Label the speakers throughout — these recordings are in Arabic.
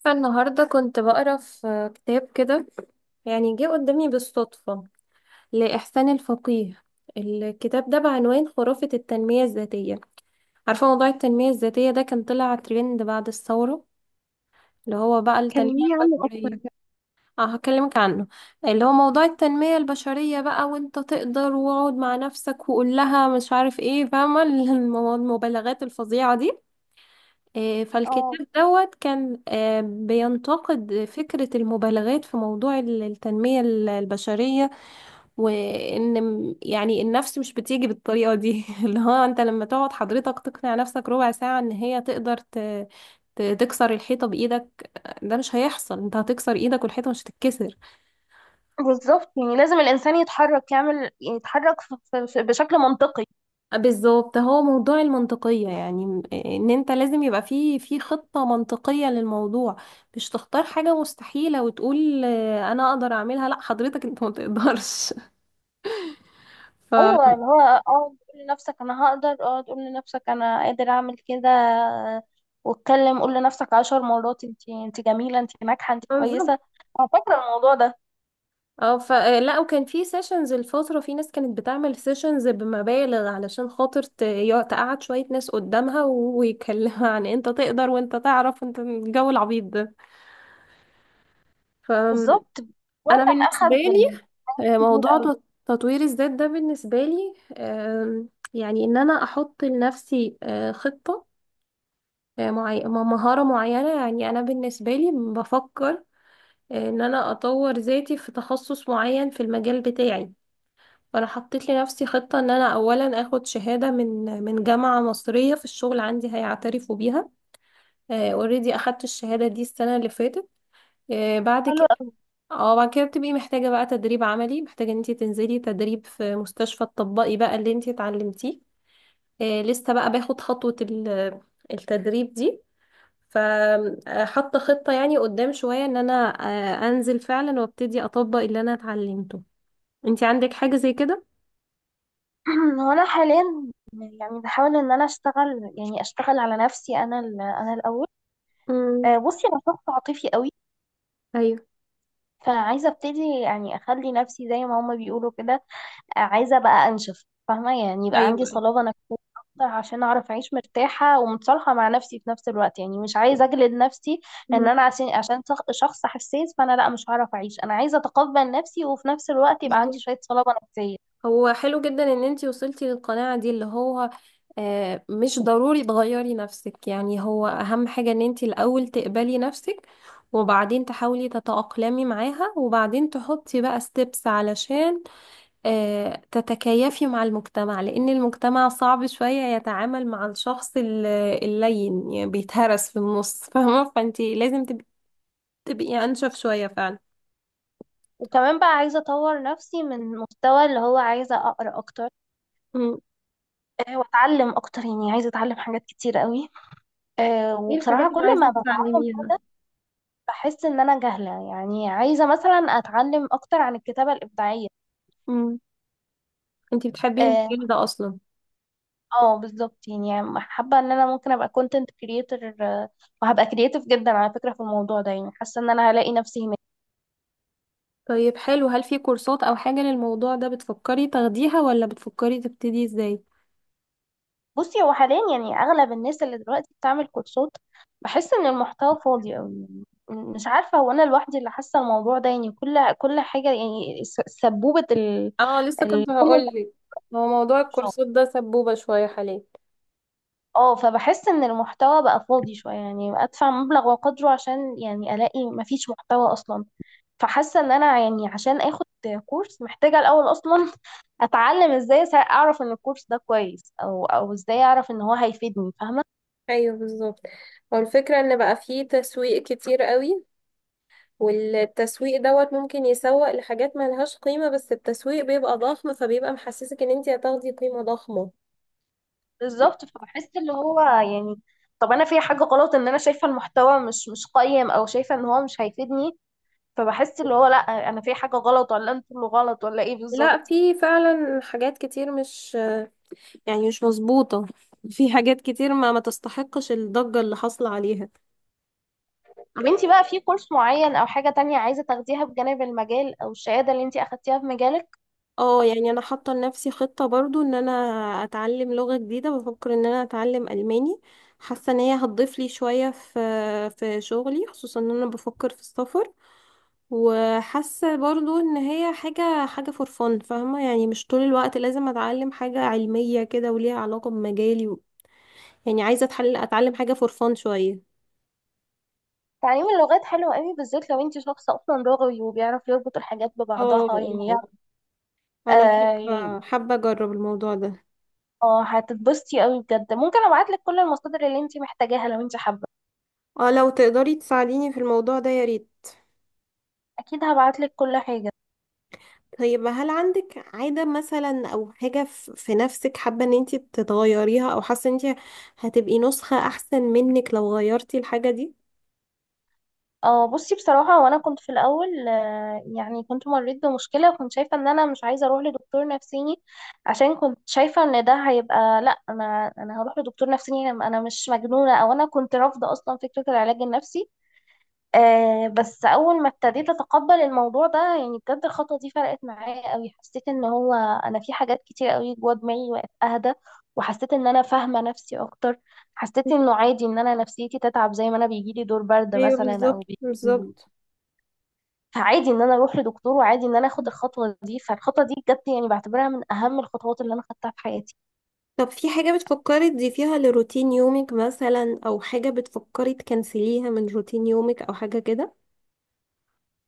Speaker 1: فالنهاردة كنت بقرا في كتاب كده، يعني جه قدامي بالصدفة لإحسان الفقيه. الكتاب ده بعنوان خرافة التنمية الذاتية. عارفة موضوع التنمية الذاتية ده كان طلع ترند بعد الثورة، اللي هو بقى التنمية
Speaker 2: كلميني عنه أكتر.
Speaker 1: البشرية. اه هكلمك عنه. اللي هو موضوع التنمية البشرية بقى، وانت تقدر واقعد مع نفسك وقول لها مش عارف ايه، فاهمة؟ المبالغات الفظيعة دي.
Speaker 2: اه،
Speaker 1: فالكتاب دوت كان بينتقد فكرة المبالغات في موضوع التنمية البشرية. وإن يعني النفس مش بتيجي بالطريقة دي. اللي هو أنت لما تقعد حضرتك تقنع نفسك ربع ساعة إن هي تقدر تكسر الحيطة بإيدك، ده مش هيحصل. أنت هتكسر إيدك والحيطة مش هتتكسر.
Speaker 2: بالظبط، يعني لازم الانسان يتحرك يعمل يتحرك بشكل منطقي.
Speaker 1: بالظبط. هو موضوع المنطقية، يعني ان انت لازم يبقى في خطة منطقية للموضوع. مش تختار حاجة مستحيلة وتقول انا اقدر اعملها. لا حضرتك انت ما تقدرش.
Speaker 2: ايوه،
Speaker 1: ف
Speaker 2: اللي هو تقول لنفسك انا هقدر، تقول لنفسك انا قادر اعمل كده. واتكلم قول لنفسك 10 مرات، انت جميله، انت ناجحه، انت
Speaker 1: بالظبط.
Speaker 2: كويسه. انا فاكره الموضوع ده.
Speaker 1: اه ف لا، وكان في سيشنز الفترة، في ناس كانت بتعمل سيشنز بمبالغ علشان خاطر تقعد شوية ناس قدامها ويتكلموا عن انت تقدر وانت تعرف انت، الجو العبيط ده.
Speaker 2: بالظبط.
Speaker 1: فانا
Speaker 2: هو كان
Speaker 1: بالنسبة
Speaker 2: اخد
Speaker 1: لي،
Speaker 2: كبير
Speaker 1: موضوع
Speaker 2: قوي.
Speaker 1: تطوير الذات ده بالنسبة لي، يعني إن أنا أحط لنفسي خطة، مهارة معينة. يعني أنا بالنسبة لي بفكر إن أنا أطور ذاتي في تخصص معين في المجال بتاعي. فأنا حطيت لنفسي خطة إن أنا أولا أخد شهادة من جامعة مصرية في الشغل عندي هيعترفوا بيها. أوريدي أخدت الشهادة دي السنة اللي فاتت. بعد
Speaker 2: حلو
Speaker 1: كده
Speaker 2: قوي.
Speaker 1: اه بعد كده بتبقي محتاجة بقى تدريب عملي، محتاجة ان انتي تنزلي تدريب في مستشفى تطبقي بقى اللي انتي اتعلمتيه. آه لسه بقى باخد خطوة التدريب دي. فحط خطة يعني قدام شوية ان انا آه انزل فعلا وابتدي اطبق اللي انا اتعلمته. انتي عندك حاجة زي كده؟
Speaker 2: هو انا حاليا يعني بحاول ان انا اشتغل، يعني اشتغل على نفسي انا، انا الاول.
Speaker 1: امم.
Speaker 2: بصي، انا شخص عاطفي قوي،
Speaker 1: ايوه.
Speaker 2: فعايزة ابتدي، يعني اخلي نفسي زي ما هما بيقولوا كده. عايزة بقى انشف، فاهمة؟ يعني يبقى عندي
Speaker 1: ايوه أيوة.
Speaker 2: صلابة نفسية اكتر، عشان اعرف اعيش مرتاحة ومتصالحة مع نفسي في نفس الوقت، يعني مش عايزة اجلد نفسي ان
Speaker 1: مم.
Speaker 2: انا، عشان شخص حساس، فانا لا مش هعرف اعيش، انا عايزة اتقبل نفسي وفي نفس الوقت يبقى عندي
Speaker 1: بالظبط.
Speaker 2: شوية صلابة نفسية.
Speaker 1: هو حلو جدا ان انتي وصلتي للقناعة دي، اللي هو مش ضروري تغيري نفسك. يعني هو اهم حاجة ان انتي الاول تقبلي نفسك، وبعدين تحاولي تتأقلمي معاها، وبعدين تحطي بقى ستيبس علشان تتكيفي مع المجتمع، لان المجتمع صعب شوية يتعامل مع الشخص اللين، يعني بيتهرس في النص. فاهمة؟ فانتي لازم تبقي انشف شوية فعلا.
Speaker 2: وكمان بقى عايزة اطور نفسي من مستوى اللي هو عايزة اقرا اكتر،
Speaker 1: مم.
Speaker 2: واتعلم اكتر، يعني عايزة اتعلم حاجات كتير قوي.
Speaker 1: ايه الحاجات
Speaker 2: وبصراحة
Speaker 1: اللي
Speaker 2: كل
Speaker 1: عايزة
Speaker 2: ما بتعلم
Speaker 1: تتعلميها؟
Speaker 2: بحس ان انا جاهله. يعني عايزه مثلا اتعلم اكتر عن الكتابه الابداعيه.
Speaker 1: مم. انتي بتحبي
Speaker 2: اه،
Speaker 1: المجال ده اصلا؟
Speaker 2: بالظبط، يعني حابه ان انا ممكن ابقى كونتنت كريتور، وهبقى كرييتيف جدا على فكره في الموضوع ده. يعني حاسه ان انا هلاقي نفسي هناك.
Speaker 1: طيب حلو، هل في كورسات او حاجة للموضوع ده بتفكري تاخديها، ولا بتفكري تبتدي ازاي؟
Speaker 2: بصي، هو حاليا يعني اغلب الناس اللي دلوقتي بتعمل كورسات، بحس ان المحتوى فاضي قوي. يعني مش عارفه، هو انا لوحدي اللي حاسه الموضوع ده؟ يعني كل حاجه، يعني سبوبه
Speaker 1: اه لسه كنت
Speaker 2: كل
Speaker 1: هقولك، هو موضوع
Speaker 2: الكورسات.
Speaker 1: الكورسات ده سبوبة شوية حاليا.
Speaker 2: اه، فبحس ان المحتوى بقى فاضي شوية، يعني ادفع مبلغ وقدره عشان يعني الاقي مفيش محتوى اصلا. فحاسة ان انا، يعني عشان اخد كورس، محتاجة الاول اصلا اتعلم ازاي، اعرف ان الكورس ده كويس، او ازاي اعرف ان هو هيفيدني، فاهمة؟
Speaker 1: ايوه بالظبط. هو الفكرة ان بقى فيه تسويق كتير قوي، والتسويق دوت ممكن يسوق لحاجات ملهاش قيمة، بس التسويق بيبقى ضخم فبيبقى محسسك ان انتي هتاخدي قيمة ضخمة.
Speaker 2: بالظبط، فبحس اللي هو يعني طب انا في حاجة غلط، ان انا شايفة المحتوى مش قيم، او شايفة ان هو مش هيفيدني؟ فبحس اللي هو لا، انا في حاجة غلط، ولا انتوا اللي غلط، ولا ايه
Speaker 1: لا
Speaker 2: بالظبط؟
Speaker 1: في فعلا حاجات كتير مش، يعني مش مظبوطة. في حاجات كتير ما تستحقش الضجة اللي حاصلة عليها.
Speaker 2: طب انت بقى في كورس معين او حاجة تانية عايزة تاخديها بجانب المجال او الشهادة اللي انت اخدتيها في مجالك؟
Speaker 1: اه يعني انا حاطه لنفسي خطه برضو ان انا اتعلم لغه جديده. بفكر ان انا اتعلم الماني، حاسه ان هي هتضيف لي شويه في في شغلي، خصوصا ان انا بفكر في السفر. وحاسه برضو ان هي حاجه فور فن، فاهمه؟ يعني مش طول الوقت لازم اتعلم حاجه علميه كده وليها علاقه بمجالي و... يعني عايزه اتحل اتعلم حاجه فور فن شويه.
Speaker 2: تعليم اللغات حلو قوي، بالذات لو انت شخص اصلا لغوي وبيعرف يربط الحاجات
Speaker 1: اه
Speaker 2: ببعضها، يعني
Speaker 1: اه انا
Speaker 2: اه،
Speaker 1: حابه اجرب الموضوع ده.
Speaker 2: اه، هتتبسطي قوي بجد. ممكن ابعتلك كل المصادر اللي انت محتاجاها لو انت حابة.
Speaker 1: اه لو تقدري تساعديني في الموضوع ده يا ريت.
Speaker 2: اكيد هبعتلك كل حاجة.
Speaker 1: طيب هل عندك عادة مثلا أو حاجة في نفسك حابة إن انتي تتغيريها، أو حاسة إن انتي هتبقي نسخة أحسن منك لو غيرتي الحاجة دي؟
Speaker 2: اه، بصي بصراحة، وانا كنت في الاول، يعني كنت مريت بمشكلة وكنت شايفة ان انا مش عايزة اروح لدكتور نفسيني، عشان كنت شايفة ان ده هيبقى، لا انا هروح لدكتور نفسيني، انا مش مجنونة، او انا كنت رافضة اصلا فكرة العلاج النفسي. بس اول ما ابتديت اتقبل الموضوع ده، يعني بجد الخطوه دي فرقت معايا قوي. حسيت ان هو انا في حاجات كتير قوي جوه دماغي وقت اهدى، وحسيت ان انا فاهمه نفسي اكتر. حسيت انه عادي ان انا نفسيتي تتعب، زي ما انا بيجي لي دور برد
Speaker 1: ايوه
Speaker 2: مثلا،
Speaker 1: بالظبط
Speaker 2: او
Speaker 1: بالظبط.
Speaker 2: فعادي ان انا اروح لدكتور، وعادي ان انا اخد الخطوه دي. فالخطوه دي بجد، يعني بعتبرها من اهم الخطوات اللي انا خدتها في حياتي.
Speaker 1: طب في حاجة بتفكري تضيفيها لروتين يومك مثلا، أو حاجة بتفكري تكنسليها من روتين يومك، أو حاجة كده؟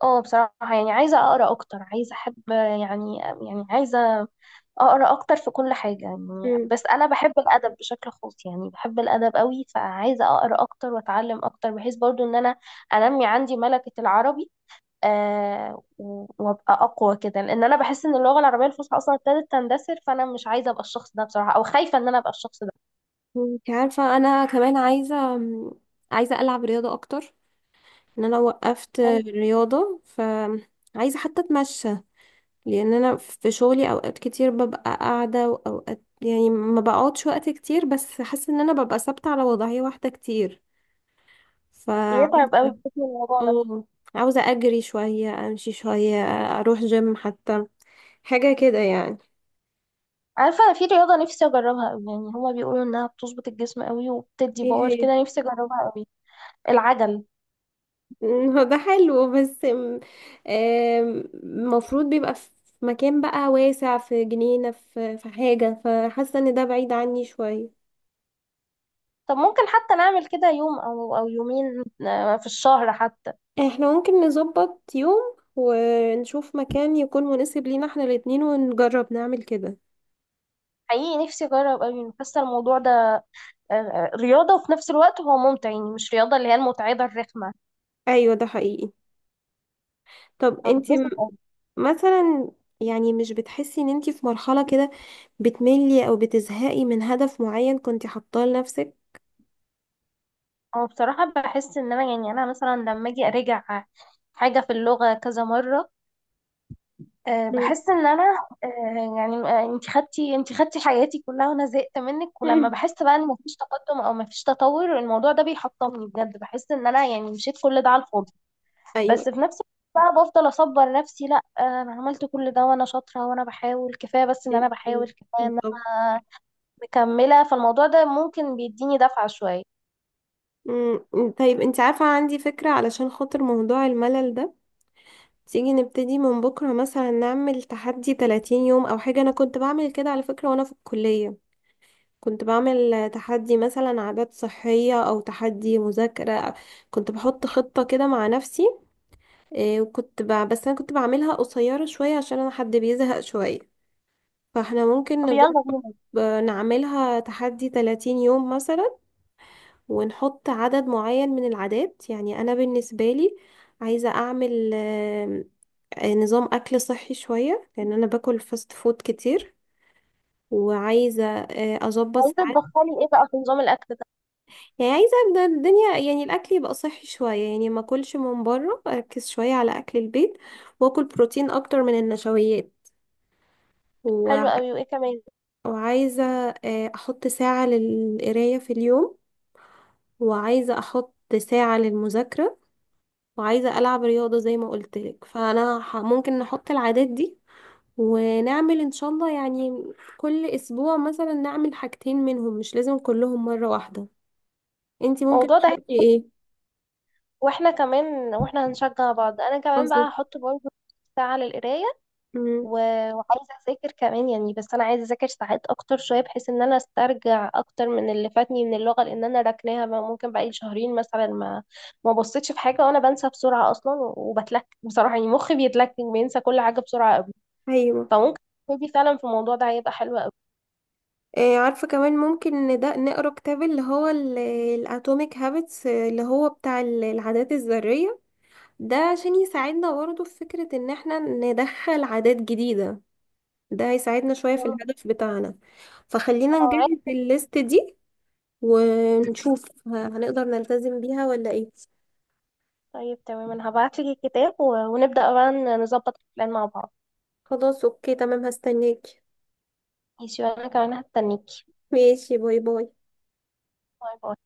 Speaker 2: اه، بصراحه يعني عايزه اقرا اكتر، عايزه احب، يعني عايزه اقرا اكتر في كل حاجه. يعني
Speaker 1: مم.
Speaker 2: بس انا بحب الادب بشكل خاص، يعني بحب الادب قوي. فعايزه اقرا اكتر واتعلم اكتر، بحيث برضو ان انا انمي عندي ملكه العربي، وابقى اقوى كده. لان انا بحس ان اللغه العربيه الفصحى اصلا ابتدت تندثر، فانا مش عايزه ابقى الشخص ده بصراحه، او خايفه ان انا ابقى الشخص ده.
Speaker 1: انت عارفة أنا كمان عايزة، عايزة ألعب رياضة أكتر. إن أنا وقفت
Speaker 2: يعني
Speaker 1: رياضة، فعايزة حتى أتمشى، لان انا في شغلي اوقات كتير ببقى قاعده، واوقات يعني ما بقعدش وقت كتير، بس حاسه ان انا ببقى ثابته على وضعيه واحده كتير.
Speaker 2: بيتعب قوي
Speaker 1: فعايزه
Speaker 2: بجسم الموضوع ده.
Speaker 1: اه، عاوزه اجري شويه، امشي شويه، اروح جيم حتى، حاجه كده يعني.
Speaker 2: عارفه انا في رياضه نفسي اجربها قوي، يعني هما بيقولوا انها بتظبط الجسم قوي وبتدي
Speaker 1: ايه
Speaker 2: باور
Speaker 1: هي؟
Speaker 2: كده، نفسي اجربها قوي. العجل.
Speaker 1: هو ده حلو بس م- آم، المفروض بيبقى في مكان بقى واسع، في جنينه، في حاجه، فحاسه ان ده بعيد عني شويه.
Speaker 2: طب ممكن حتى نعمل كده يوم او يومين، في الشهر حتى.
Speaker 1: احنا ممكن نظبط يوم ونشوف مكان يكون مناسب لينا احنا الاتنين ونجرب نعمل كده.
Speaker 2: حقيقي نفسي اجرب قوي، حاسه الموضوع ده رياضه وفي نفس الوقت هو ممتع، يعني مش رياضه اللي هي المتعبه الرخمه.
Speaker 1: ايوه ده حقيقي. طب انتي
Speaker 2: هنبسط أوي.
Speaker 1: مثلا يعني مش بتحسي ان انتي في مرحلة كده بتملي او بتزهقي من هدف معين كنتي حاطاه لنفسك؟
Speaker 2: هو بصراحه بحس ان انا، يعني انا مثلا لما اجي اراجع حاجه في اللغه كذا مره،
Speaker 1: مم.
Speaker 2: بحس ان انا، انت خدتي حياتي كلها وانا زهقت منك. ولما
Speaker 1: مم.
Speaker 2: بحس بقى ان مفيش تقدم او مفيش تطور، الموضوع ده بيحطمني بجد، بحس ان انا يعني مشيت كل ده على الفاضي. بس
Speaker 1: ايوه.
Speaker 2: في نفس الوقت بقى بفضل اصبر نفسي، لا انا عملت كل ده وانا شاطره وانا بحاول كفايه. بس ان
Speaker 1: ايوه
Speaker 2: انا بحاول
Speaker 1: حقيقي.
Speaker 2: كفايه ان
Speaker 1: بالظبط.
Speaker 2: انا مكمله فالموضوع ده، ممكن بيديني دفعه شويه.
Speaker 1: مم. طيب انتي عارفة، عندي فكرة علشان خاطر موضوع الملل ده. تيجي نبتدي من بكرة مثلا، نعمل تحدي 30 يوم او حاجة. انا كنت بعمل كده على فكرة وانا في الكلية، كنت بعمل تحدي مثلا عادات صحية، أو تحدي مذاكرة، كنت بحط خطة كده مع نفسي. وكنت ب... بس أنا كنت بعملها قصيرة شوية عشان أنا حد بيزهق شوية. فاحنا ممكن
Speaker 2: طب يلا
Speaker 1: نجرب
Speaker 2: بينا.
Speaker 1: نعملها تحدي 30 يوم مثلا، ونحط عدد معين من العادات. يعني أنا بالنسبة لي عايزة أعمل آم، آه، نظام أكل صحي شوية، لأن أنا باكل فاست فود كتير. وعايزة أظبط،
Speaker 2: عايزه تدخلي ايه بقى في نظام الاكل ده؟
Speaker 1: يعني عايزة أبدأ الدنيا يعني الأكل يبقى صحي شوية، يعني ما أكلش من بره، أركز شوية على أكل البيت، وأكل بروتين أكتر من النشويات و...
Speaker 2: حلو قوي، وايه كمان؟
Speaker 1: وعايزة أحط ساعة للقراية في اليوم، وعايزة أحط ساعة للمذاكرة، وعايزة ألعب رياضة زي ما قلت لك. فأنا ح... ممكن نحط العادات دي ونعمل إن شاء الله، يعني كل أسبوع مثلا نعمل حاجتين منهم، مش لازم كلهم مرة واحدة. انتي ممكن
Speaker 2: الموضوع ده،
Speaker 1: تحطي ايه؟
Speaker 2: واحنا كمان، واحنا هنشجع بعض. انا كمان بقى
Speaker 1: بالظبط.
Speaker 2: هحط برضه ساعه للقرايه
Speaker 1: أمم.
Speaker 2: و- وعايزة أذاكر كمان. يعني بس أنا عايزة أذاكر ساعات أكتر شوية، بحيث إن أنا أسترجع أكتر من اللي فاتني من اللغة، لأن أنا راكناها بقى، ممكن بقالي شهرين مثلا ما بصيتش في حاجة. وأنا بنسى بسرعة أصلا وبتلك بصراحة، يعني مخي بيتلك بينسى كل حاجة بسرعة أوي.
Speaker 1: ايوه
Speaker 2: فممكن تبتدي فعلا في الموضوع ده، هيبقى حلو أوي.
Speaker 1: عارفة، كمان ممكن إن ده نقرا كتاب اللي هو الاتوميك هابتس اللي هو بتاع العادات الذرية. ده عشان يساعدنا برضه في فكرة ان احنا ندخل عادات جديدة، ده هيساعدنا شوية في
Speaker 2: يلا،
Speaker 1: الهدف بتاعنا. فخلينا
Speaker 2: أنا معاك.
Speaker 1: نجهز الليست دي ونشوف هنقدر نلتزم بيها ولا ايه.
Speaker 2: طيب تمام، أنا هبعتلك الكتاب ونبدأ بقى نظبط البلان مع بعض.
Speaker 1: خلاص اوكي تمام، هستناك.
Speaker 2: ماشي وأنا كمان هستنيكي.
Speaker 1: ماشي باي باي.
Speaker 2: باي باي.